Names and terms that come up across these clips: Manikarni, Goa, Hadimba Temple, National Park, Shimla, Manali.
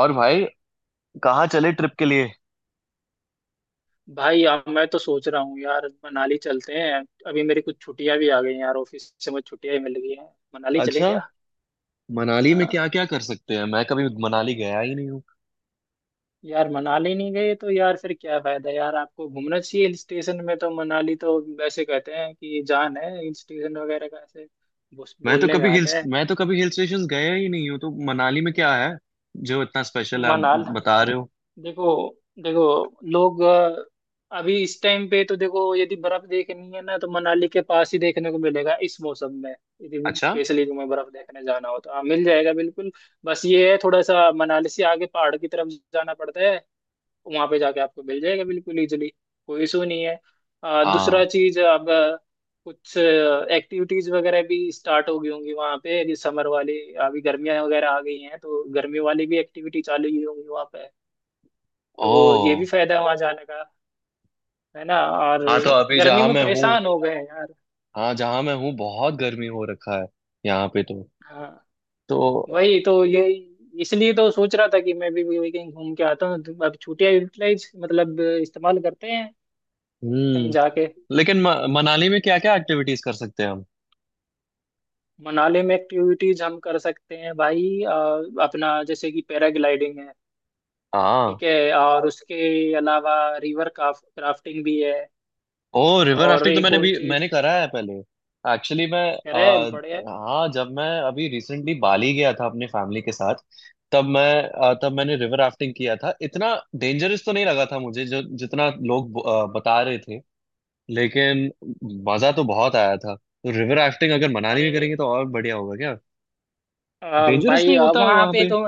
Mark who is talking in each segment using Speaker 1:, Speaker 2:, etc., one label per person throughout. Speaker 1: और भाई कहाँ चले ट्रिप के लिए।
Speaker 2: भाई अब मैं तो सोच रहा हूँ यार मनाली चलते हैं। अभी मेरी कुछ छुट्टियां भी आ गई हैं यार, ऑफिस से मुझे छुट्टियां ही मिल गई हैं। मनाली चले
Speaker 1: अच्छा,
Speaker 2: क्या?
Speaker 1: मनाली में
Speaker 2: हाँ।
Speaker 1: क्या क्या कर सकते हैं? मैं कभी मनाली गया ही नहीं हूँ।
Speaker 2: यार मनाली नहीं गए तो यार फिर क्या फायदा, यार आपको घूमना चाहिए हिल स्टेशन में, तो मनाली तो वैसे कहते हैं कि जान है हिल स्टेशन वगैरह का ऐसे। बस
Speaker 1: मैं तो
Speaker 2: बोलने में
Speaker 1: कभी हिल
Speaker 2: आता है।
Speaker 1: मैं तो कभी हिल स्टेशन गया ही नहीं हूँ, तो मनाली में क्या है जो इतना स्पेशल है आप
Speaker 2: मनाल
Speaker 1: बता रहे हो?
Speaker 2: देखो, देखो, लोग अभी इस टाइम पे तो देखो, यदि बर्फ देखनी है ना तो मनाली के पास ही देखने को मिलेगा इस मौसम में। यदि
Speaker 1: अच्छा।
Speaker 2: स्पेशली तुम्हें बर्फ देखने जाना हो तो हाँ मिल जाएगा बिल्कुल। बस ये है, थोड़ा सा मनाली से आगे पहाड़ की तरफ जाना पड़ता है। वहां पे जाके आपको मिल जाएगा बिल्कुल इजिली। कोई इशू नहीं है।
Speaker 1: हाँ।
Speaker 2: दूसरा चीज, अब कुछ एक्टिविटीज वगैरह भी स्टार्ट हो गई होंगी वहां पे, समर वाली। अभी गर्मियां वगैरह आ गई हैं तो गर्मी वाली भी एक्टिविटी चालू ही होंगी वहां पे। तो ये भी
Speaker 1: ओ।
Speaker 2: फायदा है वहां जाने का। है ना? और
Speaker 1: हाँ तो अभी
Speaker 2: गर्मी
Speaker 1: जहाँ
Speaker 2: में
Speaker 1: मैं हूँ,
Speaker 2: परेशान हो गए हैं यार।
Speaker 1: हाँ जहाँ मैं हूँ बहुत गर्मी हो रखा है यहाँ पे तो।
Speaker 2: हाँ।
Speaker 1: तो
Speaker 2: वही तो ये, इसलिए तो सोच रहा था कि मैं भी वही कहीं घूम के आता हूँ, तो अब छुट्टियां यूटिलाइज मतलब इस्तेमाल करते हैं कहीं
Speaker 1: हम्म।
Speaker 2: जाके।
Speaker 1: लेकिन मनाली में क्या क्या एक्टिविटीज कर सकते हैं हम?
Speaker 2: मनाली में एक्टिविटीज हम कर सकते हैं भाई। अपना, जैसे कि पैराग्लाइडिंग है।
Speaker 1: हाँ।
Speaker 2: ठीक है। और उसके अलावा रिवर क्राफ्टिंग भी है।
Speaker 1: ओ, रिवर
Speaker 2: और
Speaker 1: राफ्टिंग तो
Speaker 2: एक
Speaker 1: मैंने
Speaker 2: और
Speaker 1: भी मैंने
Speaker 2: चीज
Speaker 1: करा है पहले। एक्चुअली मैं
Speaker 2: कह रहे हैं,
Speaker 1: आ,
Speaker 2: बढ़िया है।
Speaker 1: हाँ, जब मैं अभी रिसेंटली बाली गया था अपने फैमिली के साथ, तब
Speaker 2: हाँ।
Speaker 1: तब मैंने रिवर राफ्टिंग किया था। इतना डेंजरस तो नहीं लगा था मुझे जो जितना लोग बता रहे थे, लेकिन मजा तो बहुत आया था। तो रिवर राफ्टिंग अगर मनाली
Speaker 2: अरे
Speaker 1: में करेंगे तो और बढ़िया होगा क्या?
Speaker 2: अ,
Speaker 1: डेंजरस
Speaker 2: भाई,
Speaker 1: नहीं होता
Speaker 2: वहाँ
Speaker 1: वहां
Speaker 2: पे
Speaker 1: पे?
Speaker 2: तो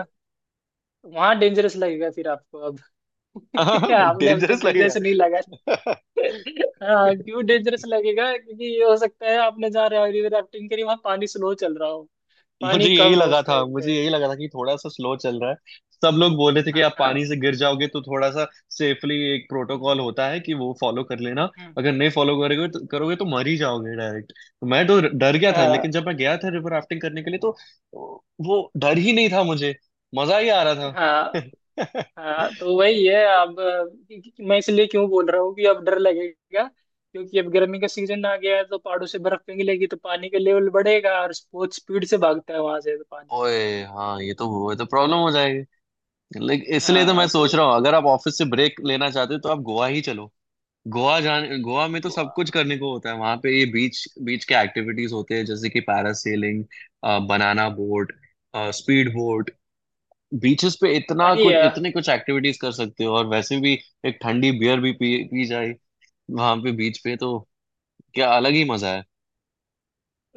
Speaker 2: वहां डेंजरस लगेगा फिर आपको अब। आपने अब तक
Speaker 1: डेंजरस लगेगा।
Speaker 2: डेंजरस नहीं लगा? हाँ, क्यों डेंजरस लगेगा, क्योंकि ये हो सकता है आपने जहाँ रिवर राफ्टिंग करी वहां पानी स्लो चल रहा हो,
Speaker 1: मुझे
Speaker 2: पानी कम
Speaker 1: यही
Speaker 2: हो
Speaker 1: लगा
Speaker 2: उस
Speaker 1: था,
Speaker 2: टाइम
Speaker 1: मुझे
Speaker 2: पे।
Speaker 1: यही लगा था कि थोड़ा सा स्लो चल रहा है। सब लोग बोल रहे थे कि आप
Speaker 2: हाँ।
Speaker 1: पानी से गिर जाओगे, तो थोड़ा सा सेफली एक
Speaker 2: हम्म।
Speaker 1: प्रोटोकॉल होता है कि वो फॉलो कर लेना। अगर नहीं फॉलो करोगे तो मर ही जाओगे डायरेक्ट। तो मैं तो डर गया था, लेकिन
Speaker 2: हाँ,
Speaker 1: जब मैं गया था रिवर राफ्टिंग करने के लिए, तो वो डर ही नहीं था मुझे। मजा ही आ रहा
Speaker 2: हाँ।
Speaker 1: था।
Speaker 2: हाँ, तो वही है अब, मैं इसलिए क्यों बोल रहा हूँ कि अब डर लगेगा क्योंकि अब गर्मी का सीजन आ गया है, तो पहाड़ों से बर्फ पिघलेगी तो पानी का लेवल बढ़ेगा और बहुत स्पीड से भागता है वहां से, तो पानी।
Speaker 1: ओए हाँ, ये तो, वो तो प्रॉब्लम हो जाएगी। लेकिन इसलिए तो
Speaker 2: हाँ
Speaker 1: मैं
Speaker 2: तो
Speaker 1: सोच रहा हूँ, अगर आप ऑफिस से ब्रेक लेना चाहते हो तो आप गोवा ही चलो। गोवा जाने, गोवा में तो
Speaker 2: गो-
Speaker 1: सब कुछ करने को होता है वहां पे। ये बीच, बीच के एक्टिविटीज होते हैं जैसे कि parasailing, banana boat, speed boat. Beaches पे इतना
Speaker 2: अरे,
Speaker 1: कुछ, इतने कुछ एक्टिविटीज कर सकते हो। और वैसे भी एक ठंडी बियर भी पी पी जाए वहां पे बीच पे तो क्या अलग ही मजा है।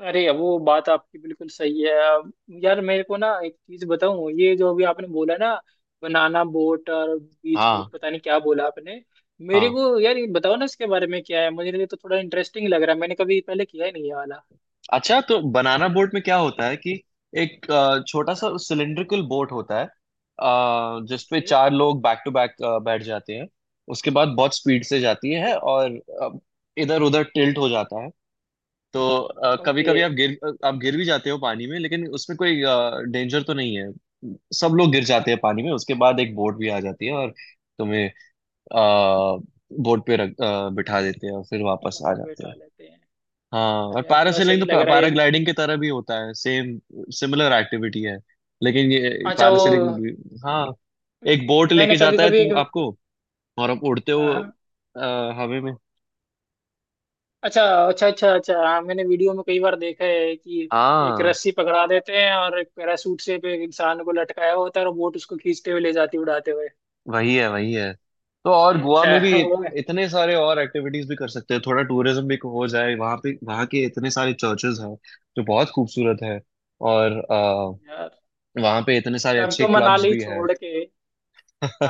Speaker 2: अरे, वो बात आपकी बिल्कुल सही है अब। यार मेरे को ना एक चीज बताऊं, ये जो अभी आपने बोला ना, बनाना बोट और बीच बोट,
Speaker 1: हाँ।
Speaker 2: पता नहीं क्या बोला आपने। मेरे
Speaker 1: हाँ।
Speaker 2: को यार ये बताओ ना इसके बारे में, क्या है, मुझे ये तो थोड़ा इंटरेस्टिंग लग रहा है, मैंने कभी पहले किया ही नहीं ये वाला।
Speaker 1: अच्छा, तो बनाना बोट में क्या होता है कि एक छोटा
Speaker 2: हाँ।
Speaker 1: सा सिलेंड्रिकल बोट होता है, जिसपे
Speaker 2: ओके।
Speaker 1: चार लोग बैक टू बैक बैठ जाते हैं। उसके बाद बहुत स्पीड से जाती है
Speaker 2: अच्छा।
Speaker 1: और इधर उधर टिल्ट हो जाता है। तो कभी
Speaker 2: ओके।
Speaker 1: कभी आप आप गिर भी जाते हो पानी में, लेकिन उसमें कोई डेंजर तो नहीं है। सब लोग गिर जाते हैं पानी में। उसके बाद एक बोट भी आ जाती है और तुम्हें बोट पे रख अ, बिठा देते हैं और फिर वापस आ जाते
Speaker 2: बैठा
Speaker 1: हैं।
Speaker 2: लेते हैं।
Speaker 1: हाँ।
Speaker 2: तो
Speaker 1: और
Speaker 2: यार थोड़ा
Speaker 1: पैरासेलिंग
Speaker 2: सही
Speaker 1: तो
Speaker 2: लग रहा है ये भी।
Speaker 1: पैराग्लाइडिंग की तरह भी होता है, सेम सिमिलर एक्टिविटी है। लेकिन ये
Speaker 2: अच्छा वो,
Speaker 1: पैरासेलिंग, हाँ, एक बोट
Speaker 2: मैंने
Speaker 1: लेके
Speaker 2: कभी
Speaker 1: जाता है
Speaker 2: कभी एक।
Speaker 1: तुम आपको, और
Speaker 2: हाँ,
Speaker 1: आप उड़ते हो
Speaker 2: हाँ, हाँ।
Speaker 1: अ, हवा में।
Speaker 2: अच्छा, अच्छा, अच्छा, अच्छा, हाँ मैंने वीडियो में कई बार देखा है कि एक
Speaker 1: हाँ।
Speaker 2: रस्सी पकड़ा देते हैं और एक पैराशूट से पे एक इंसान को लटकाया होता है, और बोट उसको खींचते हुए ले जाती है उड़ाते हुए।
Speaker 1: वही है। तो और गोवा में भी
Speaker 2: अच्छा वो है।
Speaker 1: इतने सारे और एक्टिविटीज भी कर सकते हैं। थोड़ा टूरिज्म भी हो जाए। वहाँ पे, वहाँ के इतने सारे चर्चेस हैं जो बहुत खूबसूरत है। और
Speaker 2: यार,
Speaker 1: वहाँ पे इतने सारे
Speaker 2: तब
Speaker 1: अच्छे
Speaker 2: तो
Speaker 1: क्लब्स
Speaker 2: मनाली
Speaker 1: भी हैं।
Speaker 2: छोड़ के,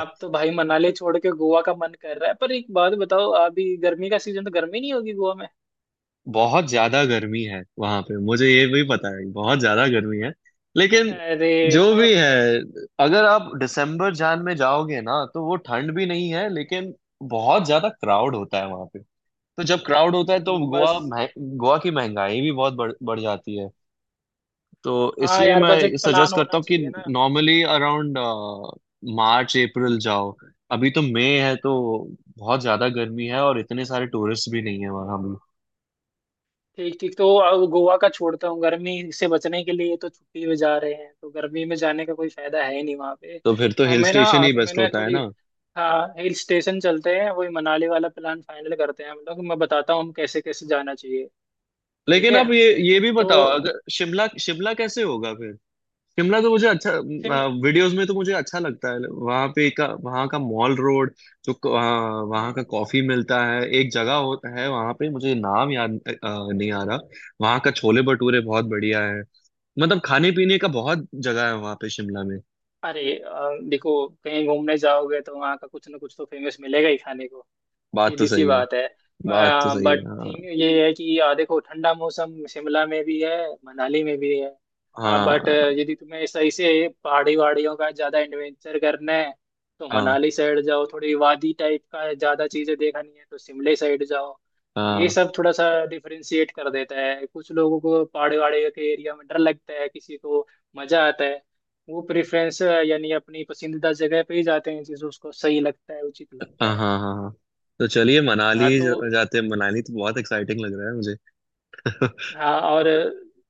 Speaker 2: अब तो भाई मनाली छोड़ के गोवा का मन कर रहा है। पर एक बात बताओ, अभी गर्मी का सीजन, तो गर्मी नहीं होगी गोवा में?
Speaker 1: बहुत ज्यादा गर्मी है वहां पे, मुझे ये भी पता है, बहुत ज्यादा गर्मी है। लेकिन
Speaker 2: अरे
Speaker 1: जो
Speaker 2: तो।
Speaker 1: भी है, अगर आप दिसंबर जान में जाओगे ना तो वो ठंड भी नहीं है, लेकिन बहुत ज्यादा क्राउड होता है वहां पे। तो जब क्राउड होता है तो
Speaker 2: बस।
Speaker 1: गोवा की महंगाई भी बहुत बढ़ बढ़ जाती है। तो
Speaker 2: हाँ
Speaker 1: इसलिए
Speaker 2: यार बजट
Speaker 1: मैं
Speaker 2: प्लान
Speaker 1: सजेस्ट करता
Speaker 2: होना
Speaker 1: हूँ कि
Speaker 2: चाहिए ना।
Speaker 1: नॉर्मली अराउंड मार्च अप्रैल जाओ। अभी तो मई है तो बहुत ज्यादा गर्मी है, और इतने सारे टूरिस्ट भी नहीं है वहां।
Speaker 2: ठीक, ठीक। तो अब गोवा का छोड़ता हूँ, गर्मी से बचने के लिए तो छुट्टी में जा रहे हैं, तो गर्मी में जाने का कोई फायदा है ही नहीं वहाँ पे।
Speaker 1: तो फिर तो हिल
Speaker 2: मैं
Speaker 1: स्टेशन
Speaker 2: ना,
Speaker 1: ही
Speaker 2: तो
Speaker 1: बेस्ट
Speaker 2: मैंने
Speaker 1: होता है
Speaker 2: थोड़ी।
Speaker 1: ना।
Speaker 2: हाँ, हिल स्टेशन चलते हैं, वही मनाली वाला प्लान फाइनल करते हैं हम लोग। मैं बताता हूँ हम कैसे कैसे जाना चाहिए। ठीक
Speaker 1: लेकिन
Speaker 2: है।
Speaker 1: आप ये भी बताओ,
Speaker 2: तो
Speaker 1: अगर शिमला शिमला कैसे होगा फिर? शिमला तो मुझे अच्छा,
Speaker 2: फिर।
Speaker 1: वीडियोस में तो मुझे अच्छा लगता है। वहां पे का, वहां का मॉल रोड, जो वहाँ वहाँ
Speaker 2: हम्म।
Speaker 1: का कॉफी मिलता है एक जगह होता है वहां पे, मुझे नाम याद नहीं आ रहा। वहां का छोले भटूरे बहुत बढ़िया है। मतलब खाने पीने का बहुत जगह है वहां पे शिमला में।
Speaker 2: अरे देखो, कहीं घूमने जाओगे तो वहाँ का कुछ ना कुछ तो फेमस मिलेगा ही खाने को।
Speaker 1: बात तो
Speaker 2: सीधी सी
Speaker 1: सही है।
Speaker 2: बात है।
Speaker 1: बात तो सही है,
Speaker 2: बट
Speaker 1: हाँ।
Speaker 2: थिंग ये है कि देखो, ठंडा मौसम शिमला में भी है मनाली में भी है। बट,
Speaker 1: हाँ
Speaker 2: यदि तुम्हें सही से पहाड़ी वहाड़ियों का ज्यादा एडवेंचर करना है तो
Speaker 1: हाँ
Speaker 2: मनाली साइड जाओ, थोड़ी वादी टाइप का ज्यादा चीजें देखनी है तो शिमले साइड जाओ। ये
Speaker 1: हाँ।
Speaker 2: सब थोड़ा सा डिफरेंशिएट कर देता है। कुछ लोगों को पहाड़ी वहाड़ी के एरिया में डर लगता है, किसी को मजा आता है। वो प्रेफरेंस यानी अपनी पसंदीदा जगह पे ही जाते हैं, जिसे उसको सही लगता है, उचित
Speaker 1: हाँ
Speaker 2: लगता है।
Speaker 1: हाँ हाँ हाँ। तो चलिए मनाली
Speaker 2: हाँ तो।
Speaker 1: जाते हैं। मनाली तो बहुत एक्साइटिंग लग रहा है मुझे।
Speaker 2: हाँ और,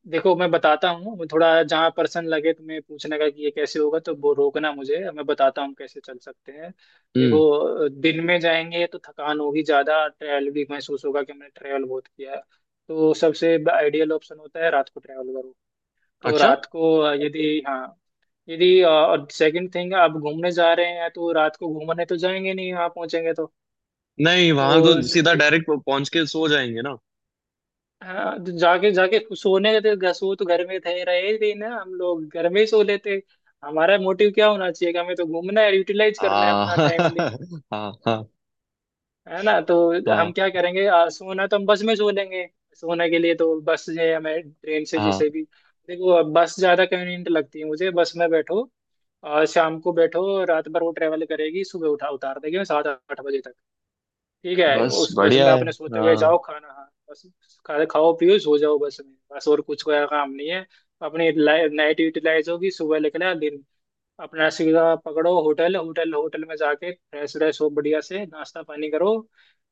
Speaker 2: देखो मैं बताता हूँ, थोड़ा जहाँ पर्सन लगे तुम्हें पूछने का कि ये कैसे होगा तो वो रोकना मुझे, मैं बताता हूँ कैसे चल सकते हैं।
Speaker 1: हम्म।
Speaker 2: देखो, दिन में जाएंगे तो थकान होगी, ज़्यादा ट्रैवल भी महसूस होगा कि हमने ट्रैवल बहुत किया है। तो सबसे आइडियल ऑप्शन होता है रात को ट्रैवल करो। तो
Speaker 1: अच्छा।
Speaker 2: रात को, यदि हाँ, यदि और सेकंड थिंग, आप घूमने जा रहे हैं तो रात को घूमने तो जाएंगे नहीं, वहाँ पहुंचेंगे तो।
Speaker 1: नहीं,
Speaker 2: तो।
Speaker 1: वहां तो सीधा डायरेक्ट पहुंच के सो जाएंगे ना।
Speaker 2: हाँ, तो जाके जाके सोने गए थे, सो तो घर में थे रहे थे ना, हम लोग घर में ही सो लेते। हमारा मोटिव क्या होना चाहिए कि हमें तो घूमना है, यूटिलाइज करना है
Speaker 1: हाँ।
Speaker 2: अपना टाइम, दिन।
Speaker 1: हाँ हाँ
Speaker 2: है ना? तो
Speaker 1: हाँ
Speaker 2: हम क्या करेंगे, सोना तो हम बस में सो लेंगे। सोने के लिए तो बस जो है, हमें ट्रेन से
Speaker 1: हाँ।
Speaker 2: जैसे भी। देखो अब बस ज्यादा कन्वीनियंट लगती है मुझे, बस में बैठो, और शाम को बैठो, रात भर वो ट्रेवल करेगी, सुबह उठा उतार देगी सात आठ बजे तक। ठीक है,
Speaker 1: बस
Speaker 2: उस बस
Speaker 1: बढ़िया
Speaker 2: में
Speaker 1: है।
Speaker 2: आपने सोते हुए
Speaker 1: हाँ
Speaker 2: जाओ, खाना, हाँ, बस खाना खाओ पियो सो जाओ बस में, बस और कुछ कोई काम नहीं है। अपनी नाइट यूटिलाइज होगी, सुबह निकला दिन, अपना सीधा पकड़ो होटल, होटल में जाके फ्रेश व्रेश हो, बढ़िया से नाश्ता पानी करो।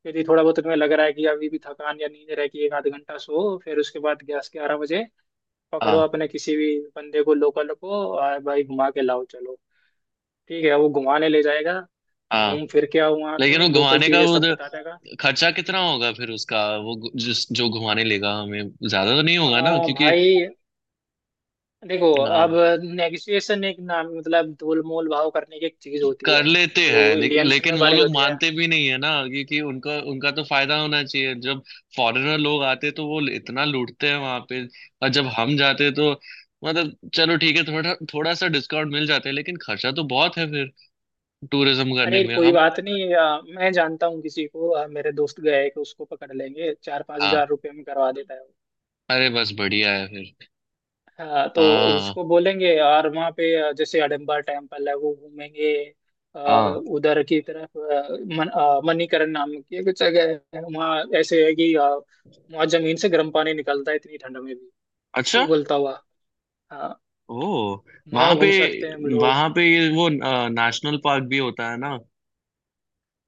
Speaker 2: यदि थोड़ा बहुत तुम्हें लग रहा है कि अभी भी थकान या नींद रह गई, एक आध घंटा सो, फिर उसके बाद ग्यारह ग्यारह बजे पकड़ो
Speaker 1: हाँ
Speaker 2: अपने किसी भी बंदे को, लोकल को, और भाई घुमा के लाओ चलो। ठीक है, वो घुमाने ले जाएगा।
Speaker 1: हाँ।
Speaker 2: घूम फिर के आओ, वहाँ
Speaker 1: लेकिन
Speaker 2: पे
Speaker 1: वो
Speaker 2: लोकल
Speaker 1: घुमाने का
Speaker 2: चीजें सब बता देगा।
Speaker 1: खर्चा कितना होगा फिर उसका? वो जिस जो घुमाने लेगा हमें, ज्यादा तो नहीं होगा ना, क्योंकि
Speaker 2: भाई देखो,
Speaker 1: हाँ,
Speaker 2: अब नेगोशिएशन, एक नाम, मतलब तोल मोल भाव करने की एक चीज होती
Speaker 1: कर
Speaker 2: है
Speaker 1: लेते हैं।
Speaker 2: जो इंडियंस
Speaker 1: लेकिन
Speaker 2: में
Speaker 1: वो
Speaker 2: भरी
Speaker 1: लोग
Speaker 2: होती है।
Speaker 1: मानते भी नहीं है ना क्योंकि उनका उनका तो फायदा होना चाहिए। जब फॉरेनर लोग आते तो वो इतना लूटते हैं वहां पे, और जब हम जाते तो, मतलब चलो ठीक है, थोड़ा थोड़ा सा डिस्काउंट मिल जाता है, लेकिन खर्चा तो बहुत है फिर टूरिज्म करने
Speaker 2: अरे
Speaker 1: में
Speaker 2: कोई
Speaker 1: हम।
Speaker 2: बात नहीं, मैं जानता हूँ किसी को, मेरे दोस्त गए हैं, कि उसको पकड़ लेंगे, चार पांच
Speaker 1: हाँ।
Speaker 2: हजार रुपये में करवा देता है वो।
Speaker 1: अरे बस बढ़िया है फिर।
Speaker 2: हाँ तो
Speaker 1: हाँ
Speaker 2: उसको बोलेंगे, और वहाँ पे जैसे हडम्बा टेम्पल है वो घूमेंगे।
Speaker 1: हाँ।
Speaker 2: उधर की तरफ, मणिकरण नाम की एक जगह है, वहाँ ऐसे है कि वहाँ जमीन से गर्म पानी निकलता है इतनी ठंड में भी,
Speaker 1: अच्छा।
Speaker 2: उबलता हुआ। हाँ।
Speaker 1: ओ। वहां
Speaker 2: वहां
Speaker 1: पे,
Speaker 2: घूम सकते हैं हम लोग।
Speaker 1: वहां पे ये वो नेशनल पार्क भी होता है ना?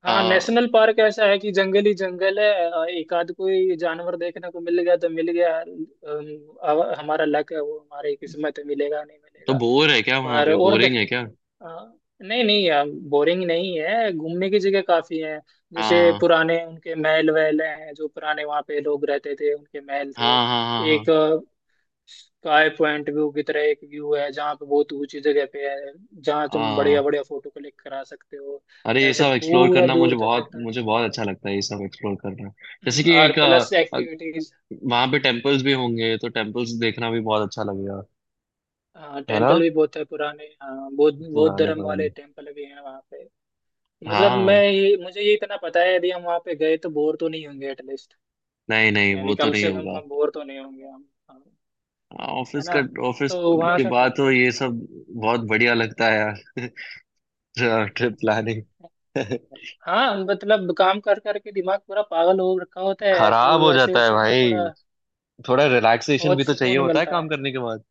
Speaker 2: हाँ
Speaker 1: आ,
Speaker 2: नेशनल पार्क ऐसा है कि जंगल ही जंगल है। एक आध कोई जानवर देखने को मिल गया तो मिल गया, अब हमारा लक है, वो हमारी किस्मत है, मिलेगा नहीं
Speaker 1: तो
Speaker 2: मिलेगा।
Speaker 1: बोर है क्या वहां
Speaker 2: पर
Speaker 1: पे?
Speaker 2: और
Speaker 1: बोरिंग
Speaker 2: देख।
Speaker 1: है क्या?
Speaker 2: हाँ, नहीं नहीं बोरिंग नहीं है, घूमने की जगह काफी है। जैसे
Speaker 1: हाँ
Speaker 2: पुराने उनके महल वहल हैं, जो पुराने वहाँ पे लोग रहते थे उनके महल थे।
Speaker 1: हाँ हाँ हाँ। हाँ
Speaker 2: एक स्काई पॉइंट व्यू की तरह एक व्यू है, जहाँ पे बहुत ऊंची जगह पे है, जहाँ तुम बढ़िया
Speaker 1: हाँ।
Speaker 2: बढ़िया फोटो क्लिक करा सकते हो।
Speaker 1: अरे ये
Speaker 2: ऐसे
Speaker 1: सब एक्सप्लोर
Speaker 2: पूरा
Speaker 1: करना
Speaker 2: दूर
Speaker 1: मुझे
Speaker 2: तक
Speaker 1: बहुत,
Speaker 2: दिखता है।
Speaker 1: मुझे बहुत अच्छा लगता है ये सब एक्सप्लोर करना। जैसे कि
Speaker 2: और
Speaker 1: एक,
Speaker 2: प्लस एक्टिविटीज।
Speaker 1: वहां पे टेम्पल्स भी होंगे तो टेम्पल्स देखना भी बहुत अच्छा लगेगा।
Speaker 2: हाँ
Speaker 1: है ना?
Speaker 2: टेम्पल भी बहुत है पुराने, हाँ बौद्ध बौद्ध
Speaker 1: पुराने
Speaker 2: धर्म
Speaker 1: पुराने।
Speaker 2: वाले टेम्पल भी हैं वहाँ पे। मतलब, मैं
Speaker 1: हाँ।
Speaker 2: ये, मुझे ये इतना पता है, यदि हम वहाँ पे गए तो बोर तो नहीं होंगे एटलीस्ट।
Speaker 1: नहीं नहीं, वो
Speaker 2: यानी
Speaker 1: तो
Speaker 2: कम
Speaker 1: नहीं
Speaker 2: से कम
Speaker 1: होगा।
Speaker 2: हम बोर तो नहीं होंगे हम। हाँ,
Speaker 1: हाँ,
Speaker 2: है
Speaker 1: ऑफिस का,
Speaker 2: ना?
Speaker 1: ऑफिस
Speaker 2: तो वहाँ
Speaker 1: के
Speaker 2: सा
Speaker 1: बाद तो
Speaker 2: करते
Speaker 1: ये सब बहुत बढ़िया लगता है यार। ट्रिप
Speaker 2: हैं।
Speaker 1: प्लानिंग।
Speaker 2: हाँ मतलब, काम कर करके दिमाग पूरा पागल हो रखा होता है,
Speaker 1: खराब
Speaker 2: तो
Speaker 1: हो
Speaker 2: ऐसे
Speaker 1: जाता है
Speaker 2: उसे ना
Speaker 1: भाई।
Speaker 2: थोड़ा
Speaker 1: थोड़ा रिलैक्सेशन
Speaker 2: बहुत
Speaker 1: भी तो चाहिए
Speaker 2: सुकून
Speaker 1: होता है
Speaker 2: मिलता है।
Speaker 1: काम करने के बाद।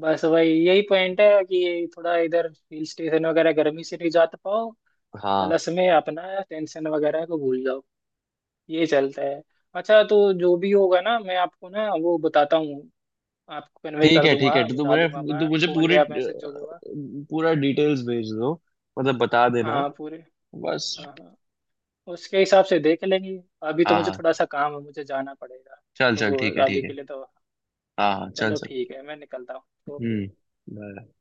Speaker 2: बस वही यही पॉइंट है कि ये थोड़ा, इधर हिल स्टेशन वगैरह गर्मी से नहीं, जा पाओ,
Speaker 1: हाँ।
Speaker 2: प्लस में अपना टेंशन वगैरह को भूल जाओ। ये चलता है। अच्छा, तो जो भी होगा ना मैं आपको ना वो बताता हूँ, आपको कन्वे
Speaker 1: ठीक
Speaker 2: कर
Speaker 1: है ठीक है,
Speaker 2: दूंगा,
Speaker 1: तो
Speaker 2: बता
Speaker 1: मुझे,
Speaker 2: दूंगा
Speaker 1: तो
Speaker 2: मैं,
Speaker 1: मुझे
Speaker 2: कॉल
Speaker 1: पूरे,
Speaker 2: या मैसेज जो भी होगा।
Speaker 1: पूरा डिटेल्स भेज दो। मतलब बता देना
Speaker 2: हाँ पूरे।
Speaker 1: बस।
Speaker 2: हाँ, हाँ। उसके हिसाब से देख लेंगे। अभी तो
Speaker 1: हाँ
Speaker 2: मुझे
Speaker 1: हाँ,
Speaker 2: थोड़ा सा काम है, मुझे जाना पड़ेगा।
Speaker 1: चल चल, ठीक
Speaker 2: तो
Speaker 1: है
Speaker 2: अभी
Speaker 1: ठीक
Speaker 2: के
Speaker 1: है।
Speaker 2: लिए तो,
Speaker 1: हाँ हाँ चल
Speaker 2: चलो
Speaker 1: चल।
Speaker 2: ठीक है, मैं निकलता हूँ। ओके।
Speaker 1: हम्म। bye।